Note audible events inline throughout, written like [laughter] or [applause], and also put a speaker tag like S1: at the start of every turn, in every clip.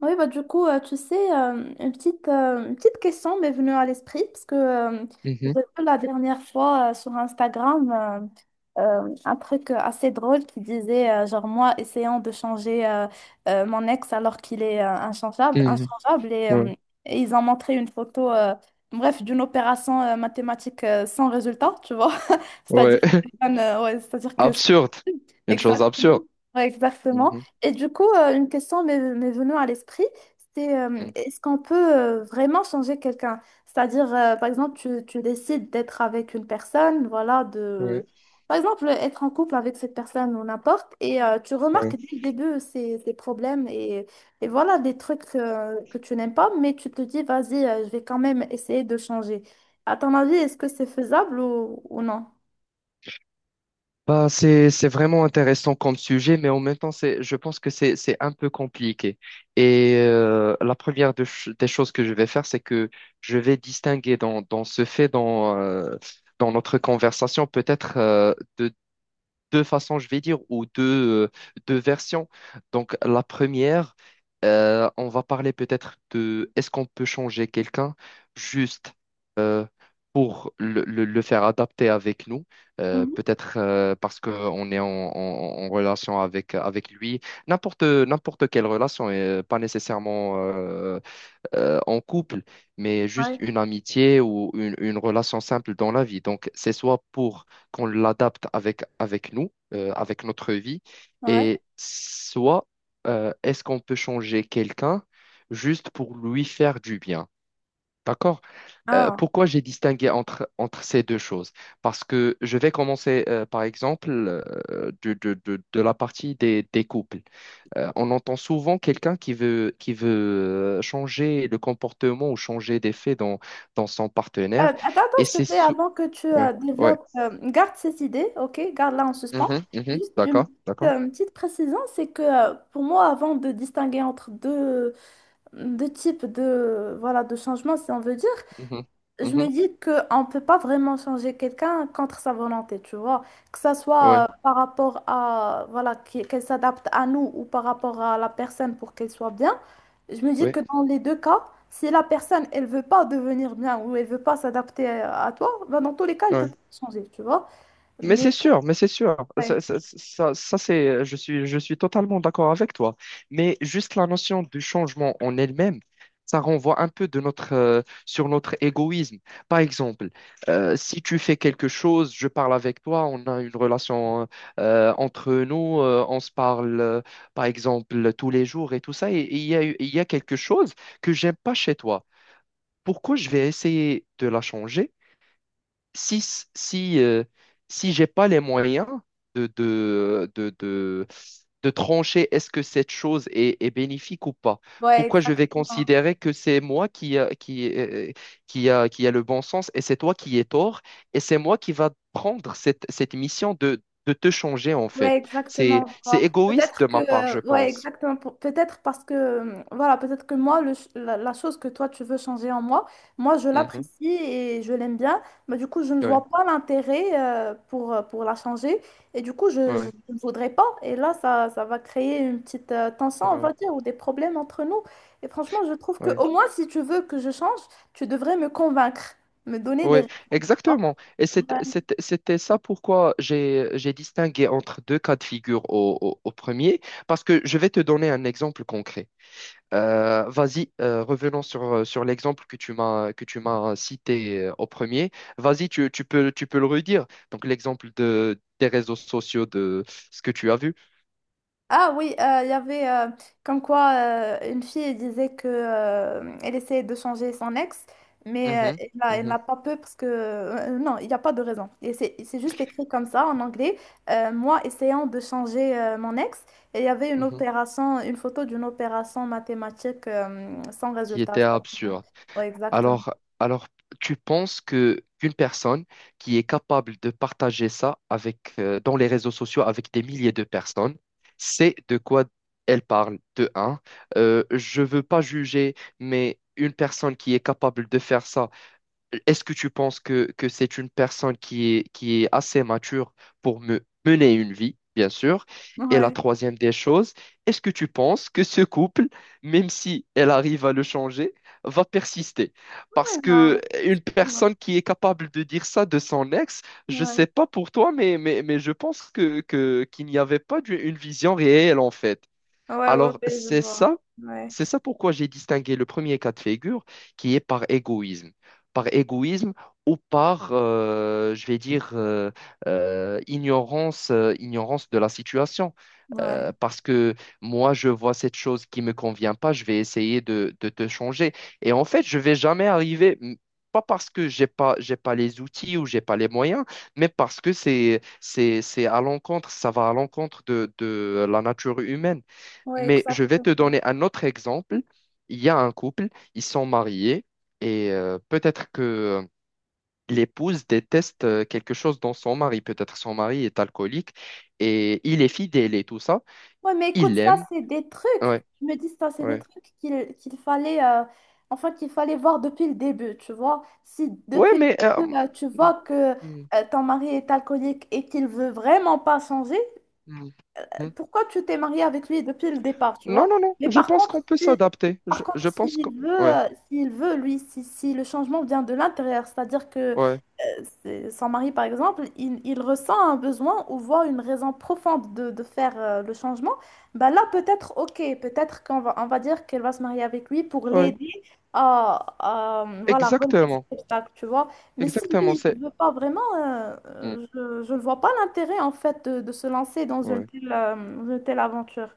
S1: Oui, bah, du coup, tu sais, une petite question m'est venue à l'esprit parce que j'ai
S2: Mhm,
S1: vu la dernière fois sur Instagram un truc assez drôle qui disait, genre moi, essayant de changer mon ex alors qu'il est inchangeable,
S2: mhm.
S1: inchangeable
S2: Ouais,
S1: et ils ont montré une photo, bref, d'une opération mathématique sans résultat, tu vois. [laughs]
S2: ouais.
S1: C'est-à-dire
S2: [laughs]
S1: que, ouais, c'est-à-dire que
S2: Absurde. Une chose absurde.
S1: exactement. Ouais, exactement.
S2: Mhm,
S1: Et du coup, une question m'est venue à l'esprit, c'est
S2: mhm.
S1: est-ce qu'on peut vraiment changer quelqu'un? C'est-à-dire, par exemple, tu décides d'être avec une personne, voilà, de...
S2: Ouais,
S1: Par exemple, être en couple avec cette personne ou n'importe, et tu remarques
S2: ouais.
S1: dès le début ses problèmes et voilà des trucs que tu n'aimes pas, mais tu te dis, vas-y, je vais quand même essayer de changer. À ton avis, est-ce que c'est faisable ou non?
S2: Bah, c'est vraiment intéressant comme sujet, mais en même temps, je pense que c'est un peu compliqué. Et la première des choses que je vais faire, c'est que je vais distinguer dans ce fait, dans notre conversation, peut-être deux façons, je vais dire, ou euh, deux versions. Donc, la première, on va parler peut-être de est-ce qu'on peut changer quelqu'un juste euh, pour le faire adapter avec nous,
S1: Mhm.
S2: peut-être parce qu'on est en relation avec lui, n'importe quelle relation, et pas nécessairement en couple, mais juste
S1: Ouais.
S2: une amitié ou une relation simple dans la vie. Donc, c'est soit pour qu'on l'adapte avec nous, avec notre vie,
S1: Ouais.
S2: et soit est-ce qu'on peut changer quelqu'un juste pour lui faire du bien. D'accord?
S1: Ah.
S2: Pourquoi j'ai distingué entre ces deux choses? Parce que je vais commencer, par exemple, de la partie des couples. On entend souvent quelqu'un qui veut changer le comportement ou changer d'effet dans son partenaire.
S1: Attends,
S2: Et
S1: attends, s'il
S2: c'est
S1: te plaît,
S2: sou-
S1: avant que tu
S2: Ouais, ouais.
S1: développes, garde cette idée, ok? Garde-la en suspens.
S2: Mhm, mhm.
S1: Juste
S2: D'accord, d'accord.
S1: une petite précision, c'est que pour moi, avant de distinguer entre deux, deux types de, voilà, de changements, si on veut dire,
S2: Mhm,
S1: je me
S2: mhm.
S1: dis qu'on ne peut pas vraiment changer quelqu'un contre sa volonté, tu vois. Que ça soit
S2: Ouais,
S1: par rapport à, voilà, qu'elle s'adapte à nous ou par rapport à la personne pour qu'elle soit bien. Je me dis
S2: ouais,
S1: que dans les deux cas, si la personne, elle veut pas devenir bien ou elle veut pas s'adapter à toi, ben dans tous les cas, elle peut
S2: ouais.
S1: pas changer, tu vois.
S2: Mais
S1: Mais,
S2: c'est sûr, mais c'est sûr. Ça,
S1: ouais,
S2: ça, ça, ça, je suis totalement d'accord avec toi. Mais juste la notion du changement en elle-même, ça renvoie un peu sur notre égoïsme. Par exemple, si tu fais quelque chose, je parle avec toi, on a une relation entre nous, on se parle, par exemple, tous les jours et tout ça, et il y a quelque chose que j'aime pas chez toi. Pourquoi je vais essayer de la changer? si, si, euh, si j'ai pas les moyens de, de, de, de, de trancher est-ce que cette chose est bénéfique ou pas,
S1: ouais,
S2: pourquoi je vais
S1: exactement.
S2: considérer que c'est moi qui a le bon sens et c'est toi qui es tort et c'est moi qui va prendre cette mission de te changer en
S1: Ouais,
S2: fait.
S1: exactement.
S2: C'est
S1: Voilà.
S2: égoïste
S1: Peut-être
S2: de
S1: que,
S2: ma part, je
S1: ouais,
S2: pense.
S1: exactement. Peut-être parce que, voilà, peut-être que moi, la, la chose que toi, tu veux changer en moi, moi, je
S2: Mhm.
S1: l'apprécie et je l'aime bien, mais du coup, je ne vois
S2: Ouais,
S1: pas l'intérêt pour la changer. Et du coup,
S2: ouais,
S1: je ne voudrais pas. Et là, ça va créer une petite tension, on
S2: ouais,
S1: va dire, ou des problèmes entre nous. Et franchement, je trouve que
S2: ouais.
S1: au moins, si tu veux que je change, tu devrais me convaincre, me donner
S2: Oui,
S1: des
S2: exactement. Et c'est-
S1: raisons.
S2: c'est- c'était ça pourquoi j'ai distingué entre deux cas de figure au premier, parce que je vais te donner un exemple concret. Vas-y, revenons sur l'exemple que tu m'as cité au premier. Vas-y, tu peux le redire. Donc l'exemple de des réseaux sociaux de ce que tu as vu.
S1: Ah oui, il y avait comme quoi une fille disait que elle essayait de changer son ex, mais
S2: Mhm,
S1: elle
S2: mhm,
S1: n'a pas peur parce que non, il n'y a pas de raison. Et c'est juste écrit comme ça en anglais. Moi essayant de changer mon ex, et il y avait une
S2: mhm.
S1: opération, une photo d'une opération mathématique sans
S2: Qui
S1: résultat.
S2: était
S1: Cest
S2: absurde.
S1: ouais, exactement.
S2: Alors, alors, tu penses que qu'une personne qui est capable de partager ça avec dans les réseaux sociaux avec des milliers de personnes, c'est de quoi elle parle de un. Je veux pas juger, mais une personne qui est capable de faire ça, est-ce que tu penses que c'est une personne qui est assez mature pour me mener une vie, bien sûr? Et la
S1: Ouais.
S2: troisième des choses, est-ce que tu penses que ce couple, même si elle arrive à le changer, va persister? Parce
S1: Ouais, non.
S2: que une
S1: Non.
S2: personne qui est capable de dire ça de son ex, je
S1: Ouais.
S2: sais pas pour toi, mais je pense qu'il n'y avait pas une vision réelle en fait.
S1: Ouais, ouais,
S2: Alors,
S1: ouais, je
S2: c'est
S1: vois.
S2: ça,
S1: Ouais.
S2: c'est ça pourquoi j'ai distingué le premier cas de figure qui est par égoïsme. Par égoïsme ou par, je vais dire, ignorance de la situation.
S1: Ouais.
S2: Parce que moi, je vois cette chose qui ne me convient pas, je vais essayer de te changer. Et en fait, je vais jamais arriver, pas parce que j'ai pas les outils ou j'ai pas les moyens, mais parce que c'est à l'encontre, ça va à l'encontre de la nature humaine.
S1: Ouais,
S2: Mais je vais te
S1: exactement.
S2: donner un autre exemple. Il y a un couple, ils sont mariés et peut-être que l'épouse déteste quelque chose dans son mari. Peut-être son mari est alcoolique et il est fidèle et tout ça.
S1: Ouais, mais écoute,
S2: Il
S1: ça,
S2: l'aime.
S1: c'est des
S2: Ouais,
S1: trucs. Je me dis, ça, c'est des
S2: ouais.
S1: trucs qu'il fallait, enfin, qu'il fallait voir depuis le début, tu vois. Si
S2: Ouais,
S1: depuis le début, tu vois que
S2: hmm,
S1: ton mari est alcoolique et qu'il veut vraiment pas changer,
S2: hmm, hmm.
S1: pourquoi tu t'es mariée avec lui depuis le départ, tu
S2: Non,
S1: vois?
S2: non, non.
S1: Mais
S2: Je
S1: par
S2: pense qu'on
S1: contre,
S2: peut
S1: si,
S2: s'adapter.
S1: par
S2: Je,
S1: contre,
S2: je pense qu'on... Ouais,
S1: s'il veut, lui, si, si le changement vient de l'intérieur, c'est-à-dire que
S2: ouais,
S1: son mari, par exemple, il ressent un besoin ou voit une raison profonde de faire le changement, bah là, peut-être, ok, peut-être qu'on va, on va dire qu'elle va se marier avec lui pour
S2: ouais.
S1: l'aider à, voilà, relever cet
S2: Exactement.
S1: obstacle, tu vois. Mais si
S2: Exactement.
S1: lui, il ne veut pas vraiment,
S2: Hmm,
S1: je ne vois pas l'intérêt, en fait, de se lancer dans
S2: ouais.
S1: une telle aventure.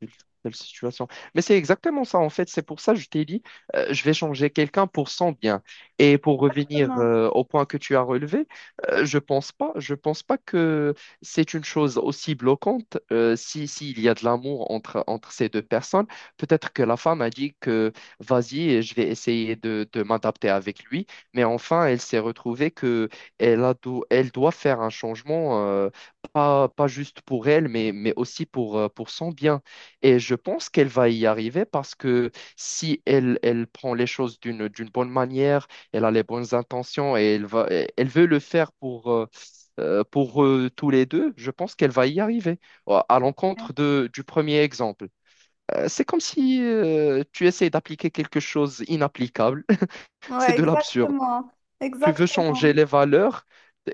S2: telle telle situation. Mais c'est exactement ça, en fait. C'est pour ça que je t'ai dit, je vais changer quelqu'un pour son bien. Et pour revenir
S1: Exactement.
S2: au point que tu as relevé, je pense pas que c'est une chose aussi bloquante si, s'il y a de l'amour entre ces deux personnes. Peut-être que la femme a dit que vas-y, je vais essayer de m'adapter avec lui. Mais enfin, elle s'est retrouvée que elle doit faire un changement, pas juste pour elle, mais aussi pour son bien. Et je pense qu'elle va y arriver parce que si elle prend les choses d'une bonne manière, elle a les bonnes intentions et elle veut le faire pour tous les deux, je pense qu'elle va y arriver. Oh, à l'encontre du premier exemple. C'est comme si tu essayes d'appliquer quelque chose inapplicable. [laughs] C'est
S1: Ouais,
S2: de l'absurde.
S1: exactement.
S2: Tu veux changer
S1: Exactement.
S2: les valeurs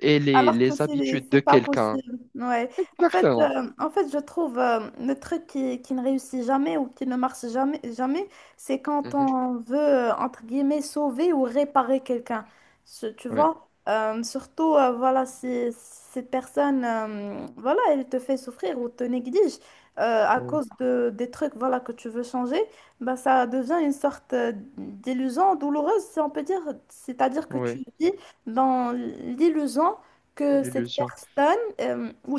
S2: et les,
S1: Alors que
S2: les habitudes
S1: c'est
S2: de
S1: pas
S2: quelqu'un.
S1: possible. Ouais.
S2: Exactement.
S1: En fait, je trouve le truc qui ne réussit jamais ou qui ne marche jamais, jamais, c'est quand
S2: Mhm.
S1: on veut, entre guillemets, sauver ou réparer quelqu'un. Tu
S2: Ouais,
S1: vois? Surtout, voilà, si cette personne, voilà, elle te fait souffrir ou te néglige à
S2: ouais,
S1: cause de, des trucs, voilà, que tu veux changer, bah, ça devient une sorte d'illusion douloureuse, si on peut dire. C'est-à-dire que
S2: ouais.
S1: tu vis dans l'illusion que cette
S2: L'illusion.
S1: personne, ou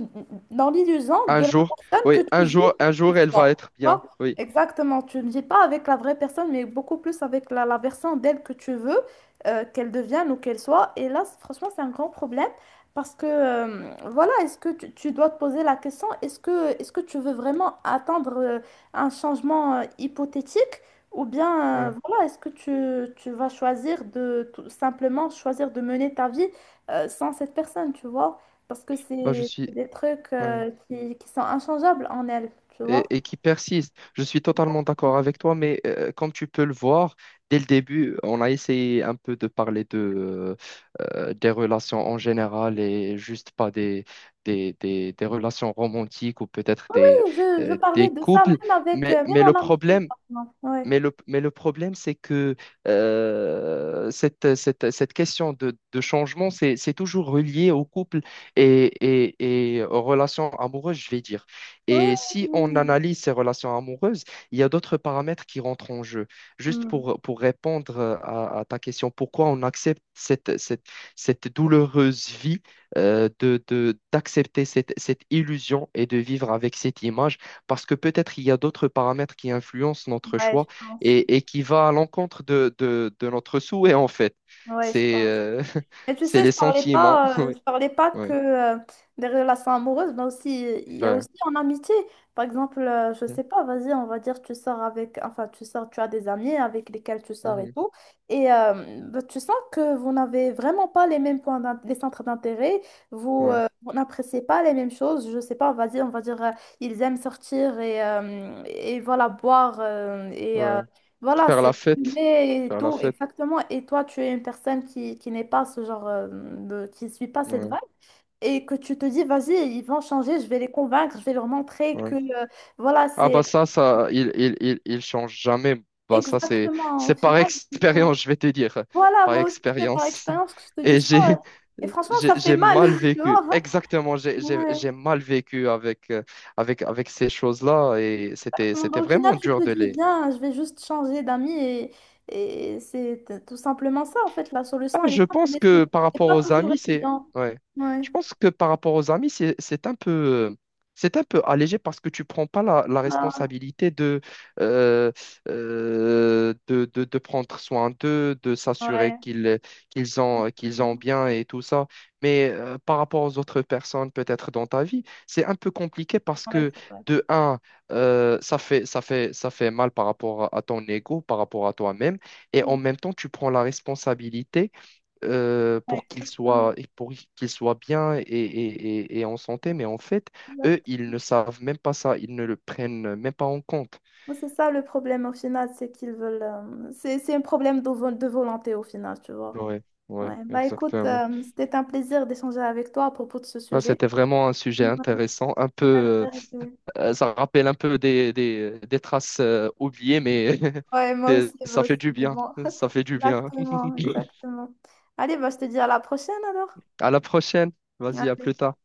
S1: dans l'illusion
S2: Un
S1: de la
S2: jour,
S1: personne que
S2: oui,
S1: tu veux
S2: un jour,
S1: qu'elle
S2: elle va
S1: soit.
S2: être
S1: Tu
S2: bien.
S1: vois?
S2: Oui,
S1: Exactement, tu ne vis pas avec la vraie personne, mais beaucoup plus avec la, la version d'elle que tu veux qu'elle devienne ou qu'elle soit. Et là, franchement, c'est un grand problème parce que, voilà, est-ce que tu dois te poser la question, est-ce que tu veux vraiment attendre un changement hypothétique? Ou bien,
S2: oui.
S1: voilà, est-ce que tu vas choisir de tout simplement choisir de mener ta vie sans cette personne, tu vois. Parce que
S2: Bah, je suis.
S1: c'est des trucs
S2: Ouais.
S1: qui sont inchangeables en elle, tu vois.
S2: Et qui persiste. Je suis totalement d'accord avec toi, mais comme tu peux le voir, dès le début, on a essayé un peu de parler des relations en général et juste pas des relations romantiques ou peut-être
S1: Oui, je parlais
S2: des
S1: de ça
S2: couples.
S1: même avec,
S2: Mais,
S1: même
S2: mais le
S1: en amitié,
S2: problème,
S1: par exemple. Ouais.
S2: mais le problème, c'est que cette question de changement, c'est toujours relié au couple et aux relations amoureuses, je vais dire.
S1: Ouais,
S2: Et
S1: ouais,
S2: si on
S1: ouais.
S2: analyse ces relations amoureuses, il y a d'autres paramètres qui rentrent en jeu. Juste
S1: Mm.
S2: pour répondre à ta question, pourquoi on accepte cette douloureuse vie d'accepter cette illusion et de vivre avec cette image? Parce que peut-être il y a d'autres paramètres qui influencent notre
S1: Ouais, je
S2: choix
S1: pense.
S2: et qui va à l'encontre de notre souhait, en fait.
S1: Ouais, je
S2: C'est
S1: pense.
S2: [laughs]
S1: Et tu
S2: C'est
S1: sais,
S2: les sentiments.
S1: je parlais pas que
S2: Ouais,
S1: des relations amoureuses, mais aussi, il y a
S2: ouais.
S1: aussi en amitié. Par exemple, je sais pas, vas-y, on va dire, tu sors avec, enfin, tu sors, tu as des amis avec lesquels tu sors et
S2: Mhm.
S1: tout. Et bah, tu sens que vous n'avez vraiment pas les mêmes points, les centres d'intérêt,
S2: Ouais,
S1: vous n'appréciez pas les mêmes choses. Je sais pas, vas-y, on va dire, ils aiment sortir et voilà, boire et
S2: ouais.
S1: voilà,
S2: Faire la
S1: c'est
S2: fête.
S1: fumé et
S2: Faire la
S1: tout,
S2: fête.
S1: exactement. Et toi, tu es une personne qui n'est pas ce genre de, qui ne suit pas cette vibe
S2: Ouais,
S1: et que tu te dis, vas-y, ils vont changer, je vais les convaincre, je vais leur montrer que,
S2: ouais.
S1: voilà,
S2: Ah, bah,
S1: c'est
S2: il change jamais. Bah ça, c'est,
S1: exactement, au
S2: c'est par
S1: final, c'est ça.
S2: expérience, je vais te dire.
S1: Voilà,
S2: Par
S1: moi aussi, c'est par
S2: expérience.
S1: expérience que je te
S2: [laughs]
S1: dis
S2: Et
S1: ça. Ouais.
S2: j'ai,
S1: Et franchement, ça
S2: j'ai,
S1: fait
S2: j'ai
S1: mal,
S2: mal
S1: [laughs] tu vois.
S2: vécu.
S1: Hein.
S2: Exactement, j'ai, j'ai,
S1: Ouais.
S2: j'ai mal vécu avec ces choses-là. Et c'était,
S1: Bon, bah,
S2: c'était
S1: au final,
S2: vraiment
S1: tu te
S2: dur de
S1: dis,
S2: les.
S1: viens, je vais juste changer d'amis et c'est tout simplement ça, en fait, la
S2: Ah,
S1: solution, elle
S2: je
S1: est simple,
S2: pense
S1: mais
S2: que par
S1: c'est
S2: rapport
S1: pas
S2: aux
S1: toujours
S2: amis, c'est
S1: évident.
S2: ouais.
S1: Ouais.
S2: Je pense que par rapport aux amis, euh, c'est un peu allégé parce que tu prends pas la
S1: Ah.
S2: responsabilité euh, de prendre soin d'eux, de s'assurer
S1: Ouais,
S2: qu'ils ont
S1: absolument.
S2: bien et tout ça. Mais par rapport aux autres personnes, peut-être dans ta vie, c'est un peu compliqué parce
S1: Ouais,
S2: que
S1: c'est vrai.
S2: de un, ça fait mal par rapport à ton ego, par rapport à toi-même, et en même temps, tu prends la responsabilité
S1: Ouais, exactement.
S2: et pour qu'ils soient bien et en santé, mais en fait,
S1: Exact.
S2: eux, ils ne savent même pas ça, ils ne le prennent même pas en compte.
S1: C'est ça le problème au final, c'est qu'ils veulent. C'est un problème de, de volonté au final, tu vois.
S2: Ouais, ouais,
S1: Ouais, bah écoute,
S2: exactement.
S1: c'était un plaisir d'échanger avec toi à propos de ce
S2: Ça,
S1: sujet.
S2: c'était vraiment un sujet
S1: Ouais,
S2: intéressant, un
S1: la
S2: peu,
S1: vérité.
S2: ça rappelle un peu des traces oubliées, mais [laughs]
S1: Ouais, moi aussi, moi
S2: ça fait
S1: aussi.
S2: du
S1: Mais
S2: bien,
S1: bon, [laughs]
S2: ça fait du bien.
S1: exactement,
S2: [laughs]
S1: exactement. Allez, bah je te dis à la prochaine alors.
S2: À la prochaine, vas-y, à
S1: Allez.
S2: plus tard.